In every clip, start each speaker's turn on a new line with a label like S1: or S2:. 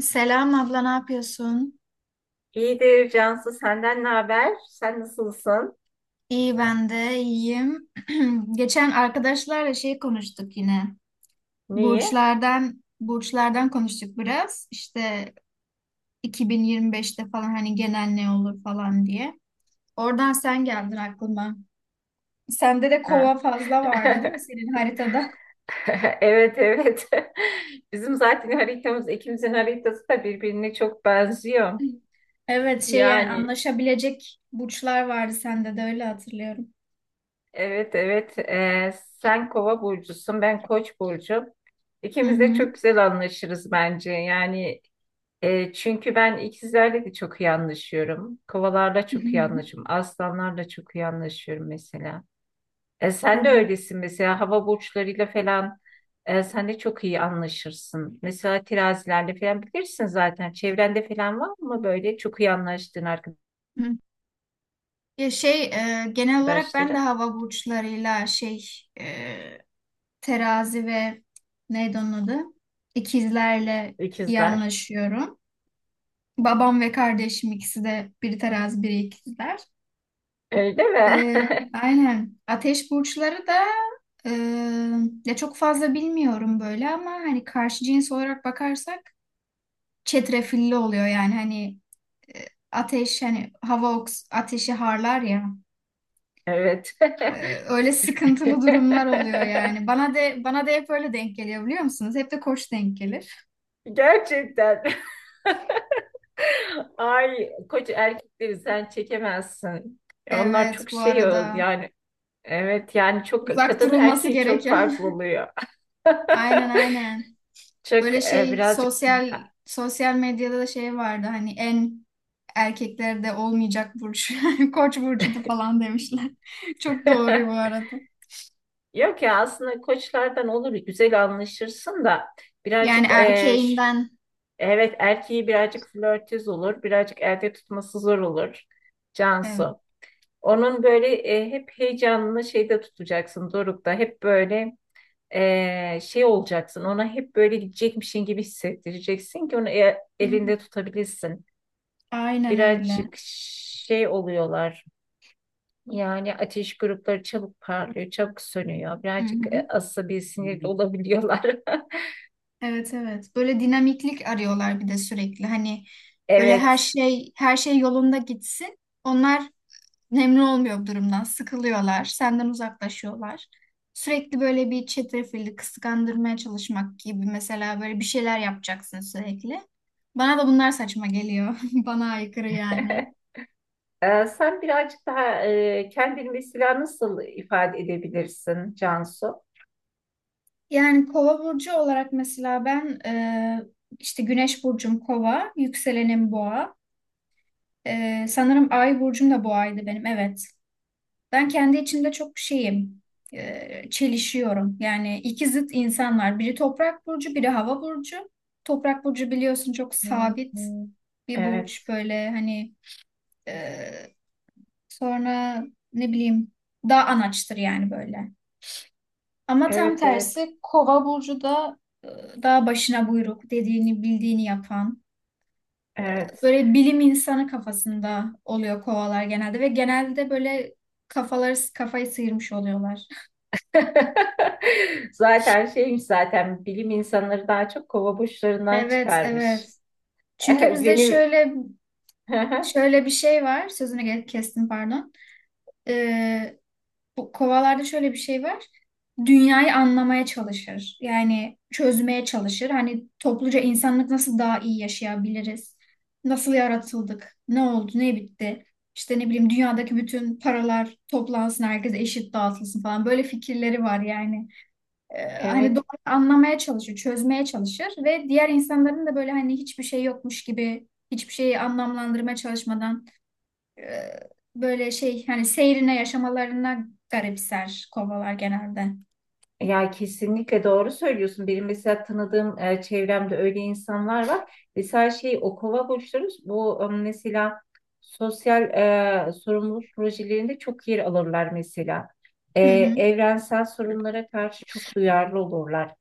S1: Selam abla, ne yapıyorsun?
S2: İyidir Cansu, senden ne haber? Sen nasılsın?
S1: İyi, ben de iyiyim. Geçen arkadaşlarla konuştuk yine.
S2: Neyi?
S1: Burçlardan konuştuk biraz. İşte 2025'te falan hani genel ne olur falan diye. Oradan sen geldin aklıma. Sende de
S2: Ha.
S1: kova fazla vardı, değil mi, senin haritada?
S2: Evet evet. Bizim zaten haritamız, ikimizin haritası da birbirine çok benziyor.
S1: Evet, yani
S2: Yani
S1: anlaşabilecek burçlar vardı sende de, öyle hatırlıyorum.
S2: evet evet. Sen Kova burcusun, ben Koç burcum.
S1: Hı
S2: İkimiz de
S1: hı.
S2: çok güzel anlaşırız bence. Yani çünkü ben ikizlerle de çok iyi anlaşıyorum. Kovalarla
S1: Hı
S2: çok iyi
S1: hı.
S2: anlaşıyorum. Aslanlarla çok iyi anlaşıyorum mesela. Sen de
S1: Evet.
S2: öylesin mesela hava burçlarıyla falan sen de çok iyi anlaşırsın. Mesela terazilerle falan bilirsin zaten. Çevrende falan var mı böyle çok iyi anlaştığın
S1: Hı. Ya genel olarak ben de
S2: arkadaşların?
S1: hava burçlarıyla e, terazi ve neydi onun adı? İkizlerle iyi
S2: İkizler.
S1: anlaşıyorum. Babam ve kardeşim ikisi de, biri terazi biri ikizler.
S2: Öyle mi?
S1: E, aynen. Ateş burçları da e, ya çok fazla bilmiyorum böyle ama hani karşı cins olarak bakarsak çetrefilli oluyor yani hani e, ateş hani hava oks ateşi harlar ya.
S2: Evet.
S1: Öyle sıkıntılı durumlar oluyor yani. Bana de bana da hep öyle denk geliyor, biliyor musunuz? Hep de koç denk gelir.
S2: Gerçekten. Ay koç erkekleri sen çekemezsin. Ya onlar
S1: Evet,
S2: çok
S1: bu
S2: şey
S1: arada
S2: yani evet yani çok
S1: uzak
S2: kadını
S1: durulması
S2: erkeği çok
S1: gereken.
S2: farklı oluyor.
S1: Aynen, aynen.
S2: Çok
S1: Böyle
S2: birazcık
S1: sosyal medyada da vardı hani en erkeklerde olmayacak burç koç burcudu falan demişler. Çok doğru bu arada.
S2: yok ya aslında koçlardan olur güzel anlaşırsın da
S1: Yani
S2: birazcık
S1: erkeğinden,
S2: evet erkeği birazcık flörtöz olur birazcık elde tutması zor olur
S1: evet.
S2: Cansu. Onun böyle hep heyecanını şeyde tutacaksın Doruk'ta hep böyle şey olacaksın ona hep böyle gidecekmişin gibi hissettireceksin ki onu
S1: Hı hı.
S2: elinde tutabilirsin.
S1: Aynen öyle.
S2: Birazcık şey oluyorlar. Yani ateş grupları çabuk parlıyor, çabuk sönüyor.
S1: Hı
S2: Birazcık
S1: hı.
S2: asabi sinirli olabiliyorlar.
S1: Evet, evet. Böyle dinamiklik arıyorlar bir de sürekli. Hani böyle her
S2: Evet.
S1: şey her şey yolunda gitsin. Onlar memnun olmuyor bu durumdan. Sıkılıyorlar. Senden uzaklaşıyorlar. Sürekli böyle bir çetrefilli kıskandırmaya çalışmak gibi, mesela böyle bir şeyler yapacaksın sürekli. Bana da bunlar saçma geliyor. Bana aykırı yani.
S2: Sen birazcık daha kendini mesela nasıl ifade edebilirsin Cansu?
S1: Yani kova burcu olarak mesela ben işte güneş burcum kova, yükselenim boğa. E, sanırım ay burcum da boğaydı benim. Evet. Ben kendi içimde çok şeyim, çelişiyorum. Yani iki zıt insan var. Biri toprak burcu, biri hava burcu. Toprak burcu biliyorsun, çok
S2: Hı
S1: sabit
S2: hı.
S1: bir burç.
S2: Evet,
S1: Böyle hani e, sonra ne bileyim, daha anaçtır yani böyle. Ama tam
S2: evet, evet,
S1: tersi kova burcu da e, daha başına buyruk, dediğini bildiğini yapan.
S2: evet.
S1: Böyle bilim insanı kafasında oluyor kovalar genelde ve genelde böyle kafayı sıyırmış oluyorlar.
S2: Zaten şeymiş, zaten bilim insanları daha çok kova burçlarından
S1: Evet,
S2: çıkarmış.
S1: evet. Çünkü bizde
S2: Benim
S1: şöyle bir şey var. Sözünü kestim, pardon. Ee, Bu kovalarda şöyle bir şey var. Dünyayı anlamaya çalışır. Yani çözmeye çalışır. Hani topluca insanlık nasıl daha iyi yaşayabiliriz? Nasıl yaratıldık? Ne oldu? Ne bitti? İşte ne bileyim, dünyadaki bütün paralar toplansın, herkese eşit dağıtılsın falan. Böyle fikirleri var yani hani doğru
S2: evet
S1: anlamaya çalışır, çözmeye çalışır ve diğer insanların da böyle hani hiçbir şey yokmuş gibi hiçbir şeyi anlamlandırmaya çalışmadan e, böyle hani seyrine yaşamalarına garipser kovalar genelde.
S2: ya kesinlikle doğru söylüyorsun. Benim mesela tanıdığım çevremde öyle insanlar var. Mesela şey o kova burçları bu mesela sosyal sorumluluk projelerinde çok yer alırlar mesela. E,
S1: Hı hı.
S2: evrensel sorunlara karşı çok duyarlı olurlar.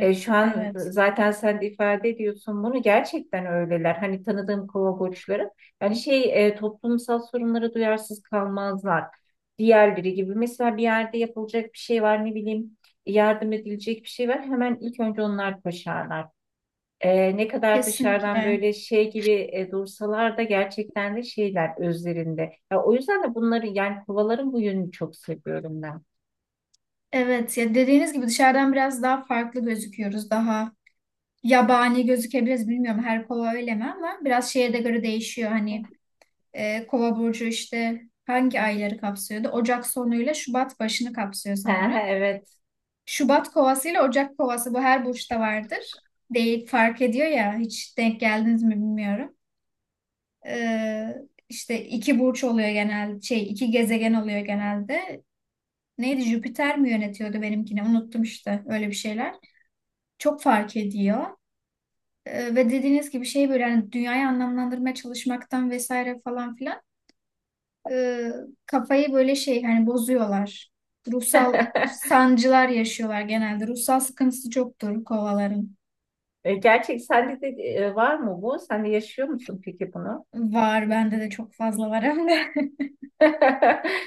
S2: Şu an
S1: evet.
S2: zaten sen de ifade ediyorsun bunu, gerçekten öyleler. Hani tanıdığım kova, yani şey toplumsal sorunlara duyarsız kalmazlar. Diğerleri gibi mesela bir yerde yapılacak bir şey var, ne bileyim yardım edilecek bir şey var, hemen ilk önce onlar koşarlar. Ne kadar dışarıdan
S1: Kesinlikle.
S2: böyle şey gibi dursalar da gerçekten de şeyler özlerinde. Ya, o yüzden de bunları, yani kovaların bu yönünü çok seviyorum ben.
S1: Evet, ya dediğiniz gibi dışarıdan biraz daha farklı gözüküyoruz. Daha yabani gözükebiliriz, bilmiyorum her kova öyle mi, ama biraz şeye de göre değişiyor hani. E, kova burcu işte hangi ayları kapsıyordu? Ocak sonuyla Şubat başını kapsıyor
S2: Ha,
S1: sanırım.
S2: evet.
S1: Şubat kovası ile Ocak kovası, bu her burçta vardır. Değil, fark ediyor ya, hiç denk geldiniz mi bilmiyorum. E, işte iki burç oluyor genelde, iki gezegen oluyor genelde. Neydi, Jüpiter mi yönetiyordu benimkini, unuttum işte, öyle bir şeyler. Çok fark ediyor. E, ve dediğiniz gibi böyle hani dünyayı anlamlandırmaya çalışmaktan vesaire falan filan e, kafayı böyle hani bozuyorlar. Ruhsal sancılar yaşıyorlar genelde. Ruhsal sıkıntısı çoktur kovaların.
S2: Gerçek sende de var mı bu? Sen de yaşıyor musun peki bunu?
S1: Var, bende de çok fazla var hem de.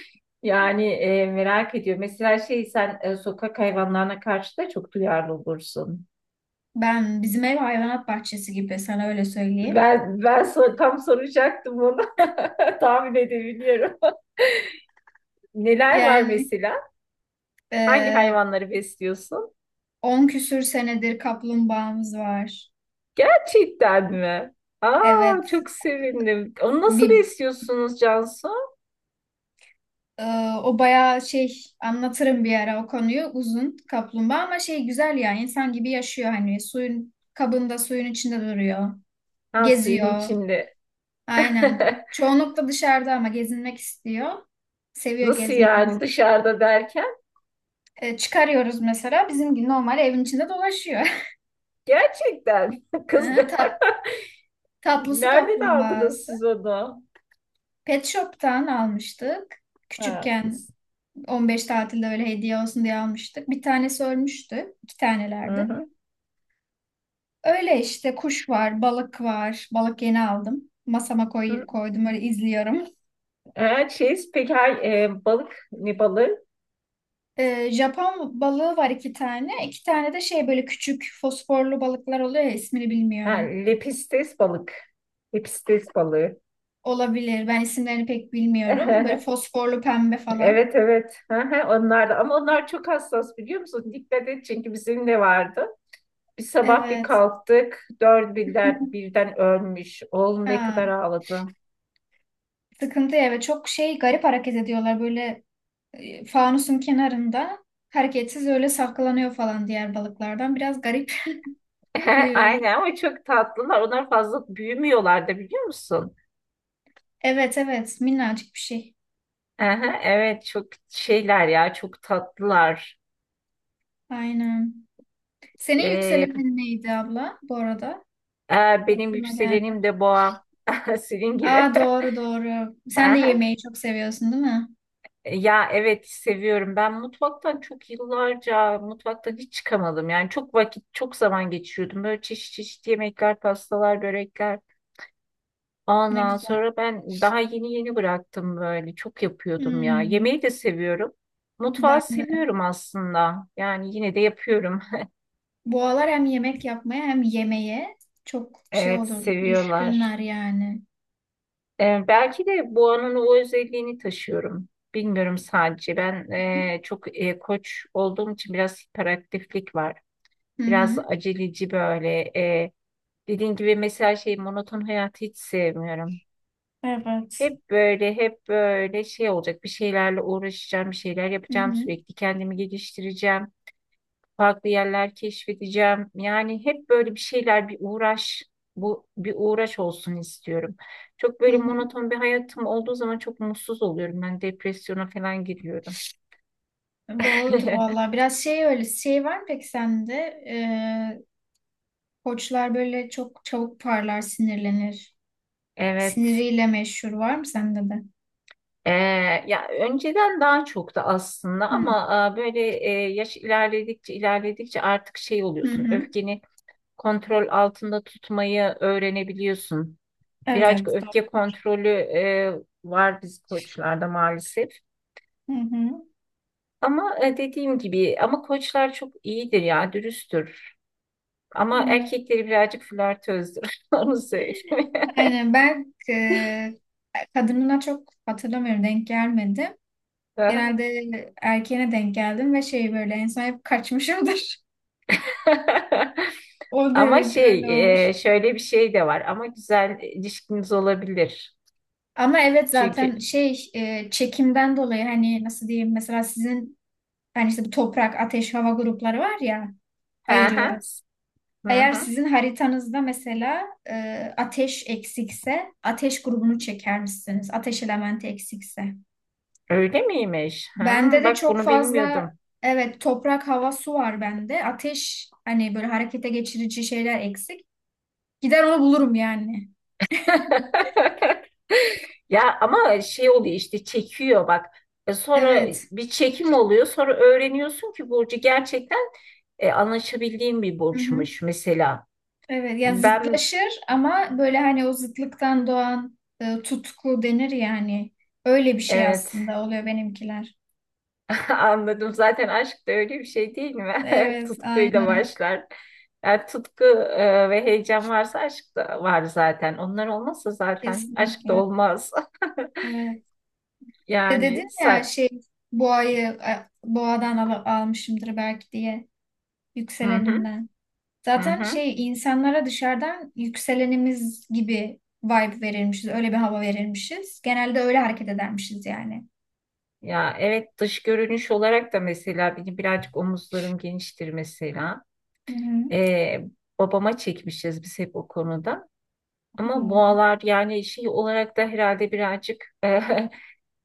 S2: Yani merak ediyorum. Mesela şey sen sokak hayvanlarına karşı da çok duyarlı olursun.
S1: Ben bizim ev hayvanat bahçesi gibi, sana öyle söyleyeyim.
S2: Ben tam soracaktım onu. Tahmin edebiliyorum. Neler var
S1: Yani
S2: mesela? Hangi
S1: e,
S2: hayvanları besliyorsun?
S1: 10 küsür senedir kaplumbağamız var.
S2: Gerçekten mi?
S1: Evet,
S2: Aa, çok sevindim. Onu nasıl
S1: bir
S2: besliyorsunuz Cansu?
S1: e, o bayağı anlatırım bir ara o konuyu, uzun kaplumbağa, ama güzel ya, insan gibi yaşıyor hani, suyun kabında suyun içinde duruyor,
S2: Ha, suyun
S1: geziyor.
S2: içinde.
S1: Aynen. Çoğunlukla dışarıda ama gezinmek istiyor. Seviyor
S2: Nasıl
S1: gezmeyi
S2: yani,
S1: bizim.
S2: dışarıda derken?
S1: E, çıkarıyoruz mesela. Bizimki normal evin içinde dolaşıyor.
S2: Gerçekten kız
S1: Hı, Tat, Tatlı su
S2: nereden aldınız
S1: kaplumbağası.
S2: siz onu?
S1: Pet Shop'tan almıştık.
S2: Ha,
S1: Küçükken, 15 tatilde öyle hediye olsun diye almıştık. Bir tanesi ölmüştü. İki
S2: hı
S1: tanelerdi.
S2: hı.
S1: Öyle işte, kuş var, balık var. Balık yeni aldım.
S2: Hı.
S1: Koydum, öyle izliyorum.
S2: Ha, şey, peki ha, balık ne balığı?
S1: Japon balığı var iki tane. İki tane de böyle küçük fosforlu balıklar oluyor ya, ismini
S2: Ha,
S1: bilmiyorum.
S2: lepistes balık. Lepistes balığı.
S1: Olabilir. Ben isimlerini pek bilmiyorum. Böyle fosforlu pembe falan.
S2: Evet evet. Hı hı, onlar da, ama onlar çok hassas biliyor musun? Dikkat et çünkü bizim de vardı. Bir sabah bir
S1: Evet.
S2: kalktık. Dört birden, birden ölmüş. Oğlum ne
S1: Ha,
S2: kadar ağladı.
S1: sıkıntı ya. Ve çok garip hareket ediyorlar. Böyle fanusun kenarında hareketsiz öyle saklanıyor falan diğer balıklardan. Biraz garip huyları.
S2: Aynen, ama çok tatlılar. Onlar fazla büyümüyorlar da biliyor musun?
S1: Evet, evet. Minnacık bir şey.
S2: Aha, evet çok şeyler ya, çok tatlılar.
S1: Aynen. Senin
S2: Ee,
S1: yükselenin neydi abla, bu arada?
S2: benim
S1: Aklıma geldi.
S2: yükselenim de boğa. Senin gibi.
S1: Aa, doğru, doğru. Sen de
S2: Aha.
S1: yemeği çok seviyorsun, değil mi?
S2: Ya evet, seviyorum. Ben mutfaktan, çok yıllarca mutfaktan hiç çıkamadım. Yani çok vakit, çok zaman geçiriyordum. Böyle çeşit çeşit yemekler, pastalar, börekler.
S1: Ne
S2: Ondan
S1: güzel.
S2: sonra ben daha yeni yeni bıraktım böyle. Çok yapıyordum ya.
S1: Hmm,
S2: Yemeği de seviyorum. Mutfağı
S1: ben de.
S2: seviyorum aslında. Yani yine de yapıyorum.
S1: Bu aralar hem yemek yapmaya hem yemeğe çok
S2: Evet,
S1: olur.
S2: seviyorlar.
S1: Düşkünler yani.
S2: Belki de Boğa'nın o özelliğini taşıyorum. Bilmiyorum sadece. Ben çok koç olduğum için biraz hiperaktiflik var.
S1: Hı
S2: Biraz
S1: hı.
S2: aceleci böyle. E, dediğin gibi mesela şey monoton hayatı hiç sevmiyorum.
S1: Evet.
S2: Hep böyle şey olacak. Bir şeylerle uğraşacağım, bir şeyler
S1: Hı
S2: yapacağım
S1: hı.
S2: sürekli. Kendimi geliştireceğim, farklı yerler keşfedeceğim. Yani hep böyle bir şeyler, bir uğraş, bu bir uğraş olsun istiyorum. Çok
S1: Hı
S2: böyle
S1: hı.
S2: monoton bir hayatım olduğu zaman çok mutsuz oluyorum. Ben depresyona falan giriyorum.
S1: Doğrudur vallahi. Biraz öyle. Şey var mı peki sende? Koçlar böyle çok çabuk parlar, sinirlenir.
S2: Evet.
S1: Siniriyle meşhur, var mı sende de?
S2: Ee, ya önceden daha çok da aslında,
S1: Hı
S2: ama böyle yaş ilerledikçe ilerledikçe artık şey
S1: hı.
S2: oluyorsun.
S1: Hı.
S2: Öfkeni kontrol altında tutmayı öğrenebiliyorsun. Birazcık
S1: Evet. Doğru.
S2: öfke kontrolü var biz koçlarda maalesef.
S1: Hı hı.
S2: Ama dediğim gibi, ama koçlar çok iyidir ya, dürüsttür. Ama
S1: Hı.
S2: erkekleri birazcık flörtözdür. Onu söyleyeyim.
S1: Aynen. Ben kadınına çok hatırlamıyorum, denk gelmedim. Genelde erkeğine denk geldim ve böyle en son hep kaçmışımdır. O
S2: Ama
S1: derece
S2: şey
S1: öyle olur.
S2: şöyle bir şey de var. Ama güzel ilişkiniz olabilir.
S1: Ama evet,
S2: Çünkü
S1: zaten çekimden dolayı hani nasıl diyeyim, mesela sizin hani işte bu toprak, ateş, hava grupları var ya,
S2: hı hı
S1: ayırıyoruz.
S2: hı,
S1: Eğer
S2: hı.
S1: sizin haritanızda mesela ateş eksikse, ateş grubunu çeker misiniz? Ateş elementi eksikse.
S2: Öyle miymiş?
S1: Bende
S2: Hmm,
S1: de
S2: bak
S1: çok
S2: bunu
S1: fazla,
S2: bilmiyordum.
S1: evet toprak, hava, su var bende. Ateş hani böyle harekete geçirici şeyler eksik. Gider onu bulurum yani.
S2: Ya ama şey oluyor işte, çekiyor bak. Sonra
S1: Evet.
S2: bir çekim oluyor. Sonra öğreniyorsun ki burcu gerçekten anlaşabildiğim bir
S1: Hı hı.
S2: burçmuş mesela.
S1: Evet, yani
S2: Ben
S1: zıtlaşır ama böyle hani o zıtlıktan doğan tutku denir yani. Öyle bir şey
S2: evet,
S1: aslında oluyor benimkiler.
S2: anladım. Zaten aşk da öyle bir şey değil mi?
S1: Evet,
S2: Tutkuyla
S1: aynen,
S2: başlar. Yani tutku ve heyecan varsa aşk da var zaten. Onlar olmazsa zaten aşk da
S1: kesinlikle.
S2: olmaz.
S1: Evet. Bir de dedin
S2: Yani
S1: ya,
S2: sen.
S1: boğayı boğadan al almışımdır belki diye,
S2: Hı hı,
S1: yükseleninden.
S2: hı
S1: Zaten
S2: hı.
S1: insanlara dışarıdan yükselenimiz gibi vibe verilmişiz. Öyle bir hava verilmişiz. Genelde öyle hareket edermişiz yani.
S2: Ya evet, dış görünüş olarak da mesela benim birazcık omuzlarım geniştir mesela.
S1: Hı hı.
S2: Ee, babama çekmişiz biz hep o konuda. Ama boğalar yani şey olarak da herhalde birazcık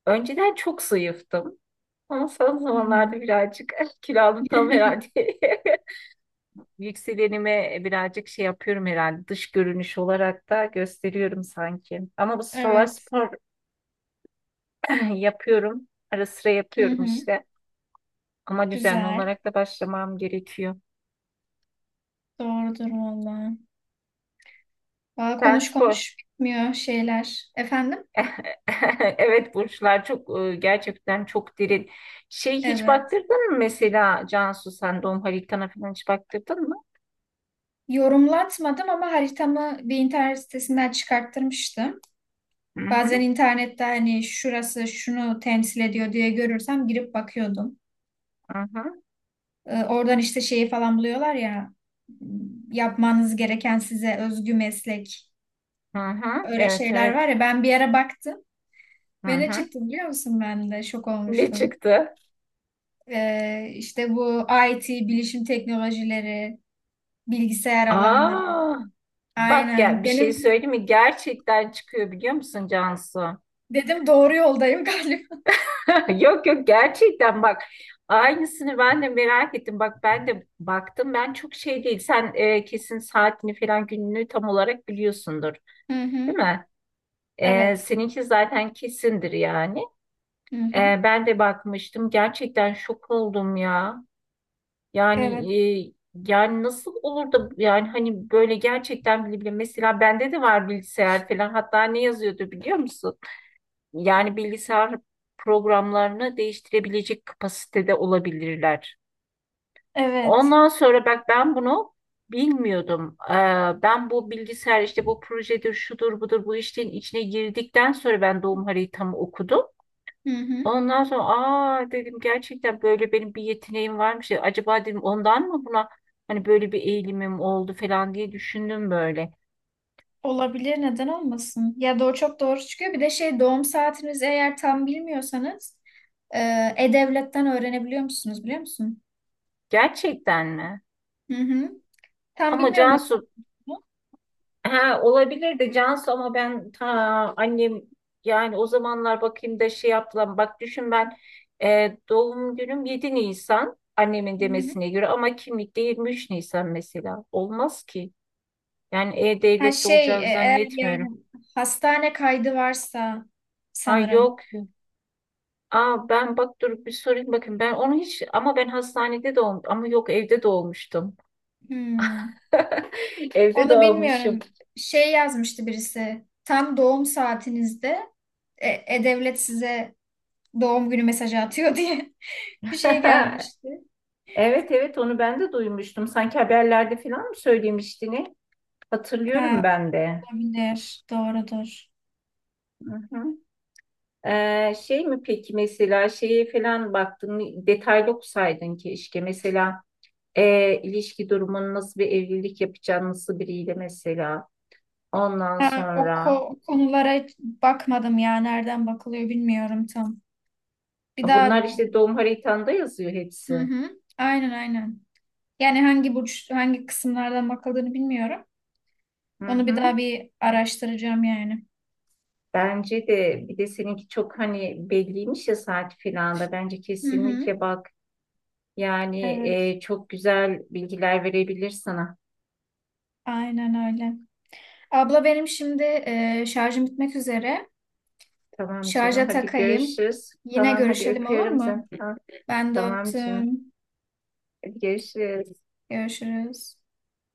S2: önceden çok zayıftım. Ama son
S1: Hı
S2: zamanlarda birazcık kilo aldım
S1: hı.
S2: tam herhalde. Yükselenime birazcık şey yapıyorum herhalde, dış görünüş olarak da gösteriyorum sanki. Ama bu sıralar
S1: Evet.
S2: spor yapıyorum. Ara sıra
S1: Hı
S2: yapıyorum
S1: hı.
S2: işte. Ama düzenli
S1: Güzel.
S2: olarak da başlamam gerekiyor.
S1: Doğrudur valla. Valla
S2: Sen
S1: konuş
S2: spor.
S1: konuş bitmiyor şeyler. Efendim?
S2: Evet, burçlar çok gerçekten çok derin. Şey hiç
S1: Evet.
S2: baktırdın mı mesela Cansu, sen doğum haritana falan hiç baktırdın mı?
S1: Yorumlatmadım ama haritamı bir internet sitesinden çıkarttırmıştım.
S2: Hı
S1: Bazen
S2: hı
S1: internette hani şurası şunu temsil ediyor diye görürsem girip bakıyordum.
S2: hı hı,
S1: E, oradan işte şeyi falan buluyorlar ya, yapmanız gereken size özgü meslek,
S2: hı hı.
S1: öyle
S2: Evet
S1: şeyler var
S2: evet.
S1: ya, ben bir ara baktım
S2: Hı
S1: ve ne
S2: hı.
S1: çıktı biliyor musun, ben de şok
S2: Ne
S1: olmuştum.
S2: çıktı?
S1: E, işte bu IT, bilişim teknolojileri, bilgisayar alanları.
S2: Aa, bak gel
S1: Aynen.
S2: bir şey
S1: Benim
S2: söyleyeyim mi? Gerçekten çıkıyor biliyor musun Cansu?
S1: dedim doğru yoldayım galiba.
S2: Yok yok, gerçekten bak, aynısını ben de merak ettim. Bak ben de baktım, ben çok şey değil. Sen kesin saatini falan gününü tam olarak biliyorsundur
S1: Hı
S2: değil
S1: hı.
S2: mi?
S1: Evet.
S2: Seninki zaten kesindir yani.
S1: Hı hı.
S2: Ben de bakmıştım, gerçekten şok oldum ya.
S1: Evet.
S2: Yani e, yani nasıl olur da, yani hani böyle gerçekten bile bile mesela bende de var bilgisayar falan, hatta ne yazıyordu biliyor musun? Yani bilgisayar programlarını değiştirebilecek kapasitede olabilirler.
S1: Evet.
S2: Ondan sonra bak ben bunu bilmiyordum. Ben bu bilgisayar işte bu projedir, şudur, budur, bu işlerin içine girdikten sonra ben doğum haritamı okudum.
S1: Hı hı.
S2: Ondan sonra aa dedim, gerçekten böyle benim bir yeteneğim varmış ya. Acaba dedim ondan mı buna hani böyle bir eğilimim oldu falan diye düşündüm böyle.
S1: Olabilir, neden olmasın? Ya doğru, çok doğru çıkıyor. Bir de doğum saatinizi eğer tam bilmiyorsanız e, e-devletten öğrenebiliyor musunuz, biliyor musun?
S2: Gerçekten mi?
S1: Hı hı. Tam
S2: Ama
S1: bilmiyorum nasıl
S2: Cansu,
S1: olduğunu.
S2: ha, olabilir de Cansu, ama ben ta annem, yani o zamanlar bakayım da şey yaptılar. Bak düşün, ben doğum günüm 7 Nisan annemin
S1: Hı hı.
S2: demesine göre, ama kimlikte 23 Nisan mesela. Olmaz ki. Yani
S1: Ha
S2: E-Devlet'te olacağını
S1: eğer yani
S2: zannetmiyorum.
S1: hastane kaydı varsa
S2: Ha
S1: sanırım.
S2: yok. Aa, ben bak dur bir sorayım, bakın ben onu hiç, ama ben hastanede doğum, ama yok evde doğmuştum.
S1: Hmm.
S2: Evde
S1: Onu
S2: doğmuşum.
S1: bilmiyorum. Yazmıştı birisi. Tam doğum saatinizde e-devlet size doğum günü mesajı atıyor diye bir şey gelmişti.
S2: Evet evet, onu ben de duymuştum. Sanki haberlerde falan mı söylemiştin? Hatırlıyorum
S1: Ha,
S2: ben de.
S1: olabilir. Doğrudur.
S2: Hı hı. Şey mi peki mesela, şeye falan baktın, detaylı okusaydın keşke mesela ilişki durumun, nasıl bir evlilik yapacağın, nasıl biriyle mesela, ondan sonra,
S1: O konulara hiç bakmadım ya. Nereden bakılıyor bilmiyorum tam. Bir daha.
S2: bunlar işte doğum haritanda yazıyor
S1: Hı
S2: hepsi.
S1: hı. Aynen, aynen. Yani hangi burç hangi kısımlardan bakıldığını bilmiyorum.
S2: Hı
S1: Onu bir daha
S2: hı.
S1: bir araştıracağım yani.
S2: Bence de, bir de seninki çok hani belliymiş ya, saat falan da bence
S1: Hı hı.
S2: kesinlikle bak yani
S1: Evet,
S2: çok güzel bilgiler verebilir sana.
S1: aynen öyle. Abla, benim şimdi şarjım bitmek üzere.
S2: Tamam canım.
S1: Şarja
S2: Hadi
S1: takayım.
S2: görüşürüz.
S1: Yine
S2: Tamam hadi,
S1: görüşelim, olur
S2: öpüyorum seni.
S1: mu?
S2: Ha,
S1: Ben de
S2: tamam canım.
S1: öptüm.
S2: Hadi görüşürüz.
S1: Görüşürüz.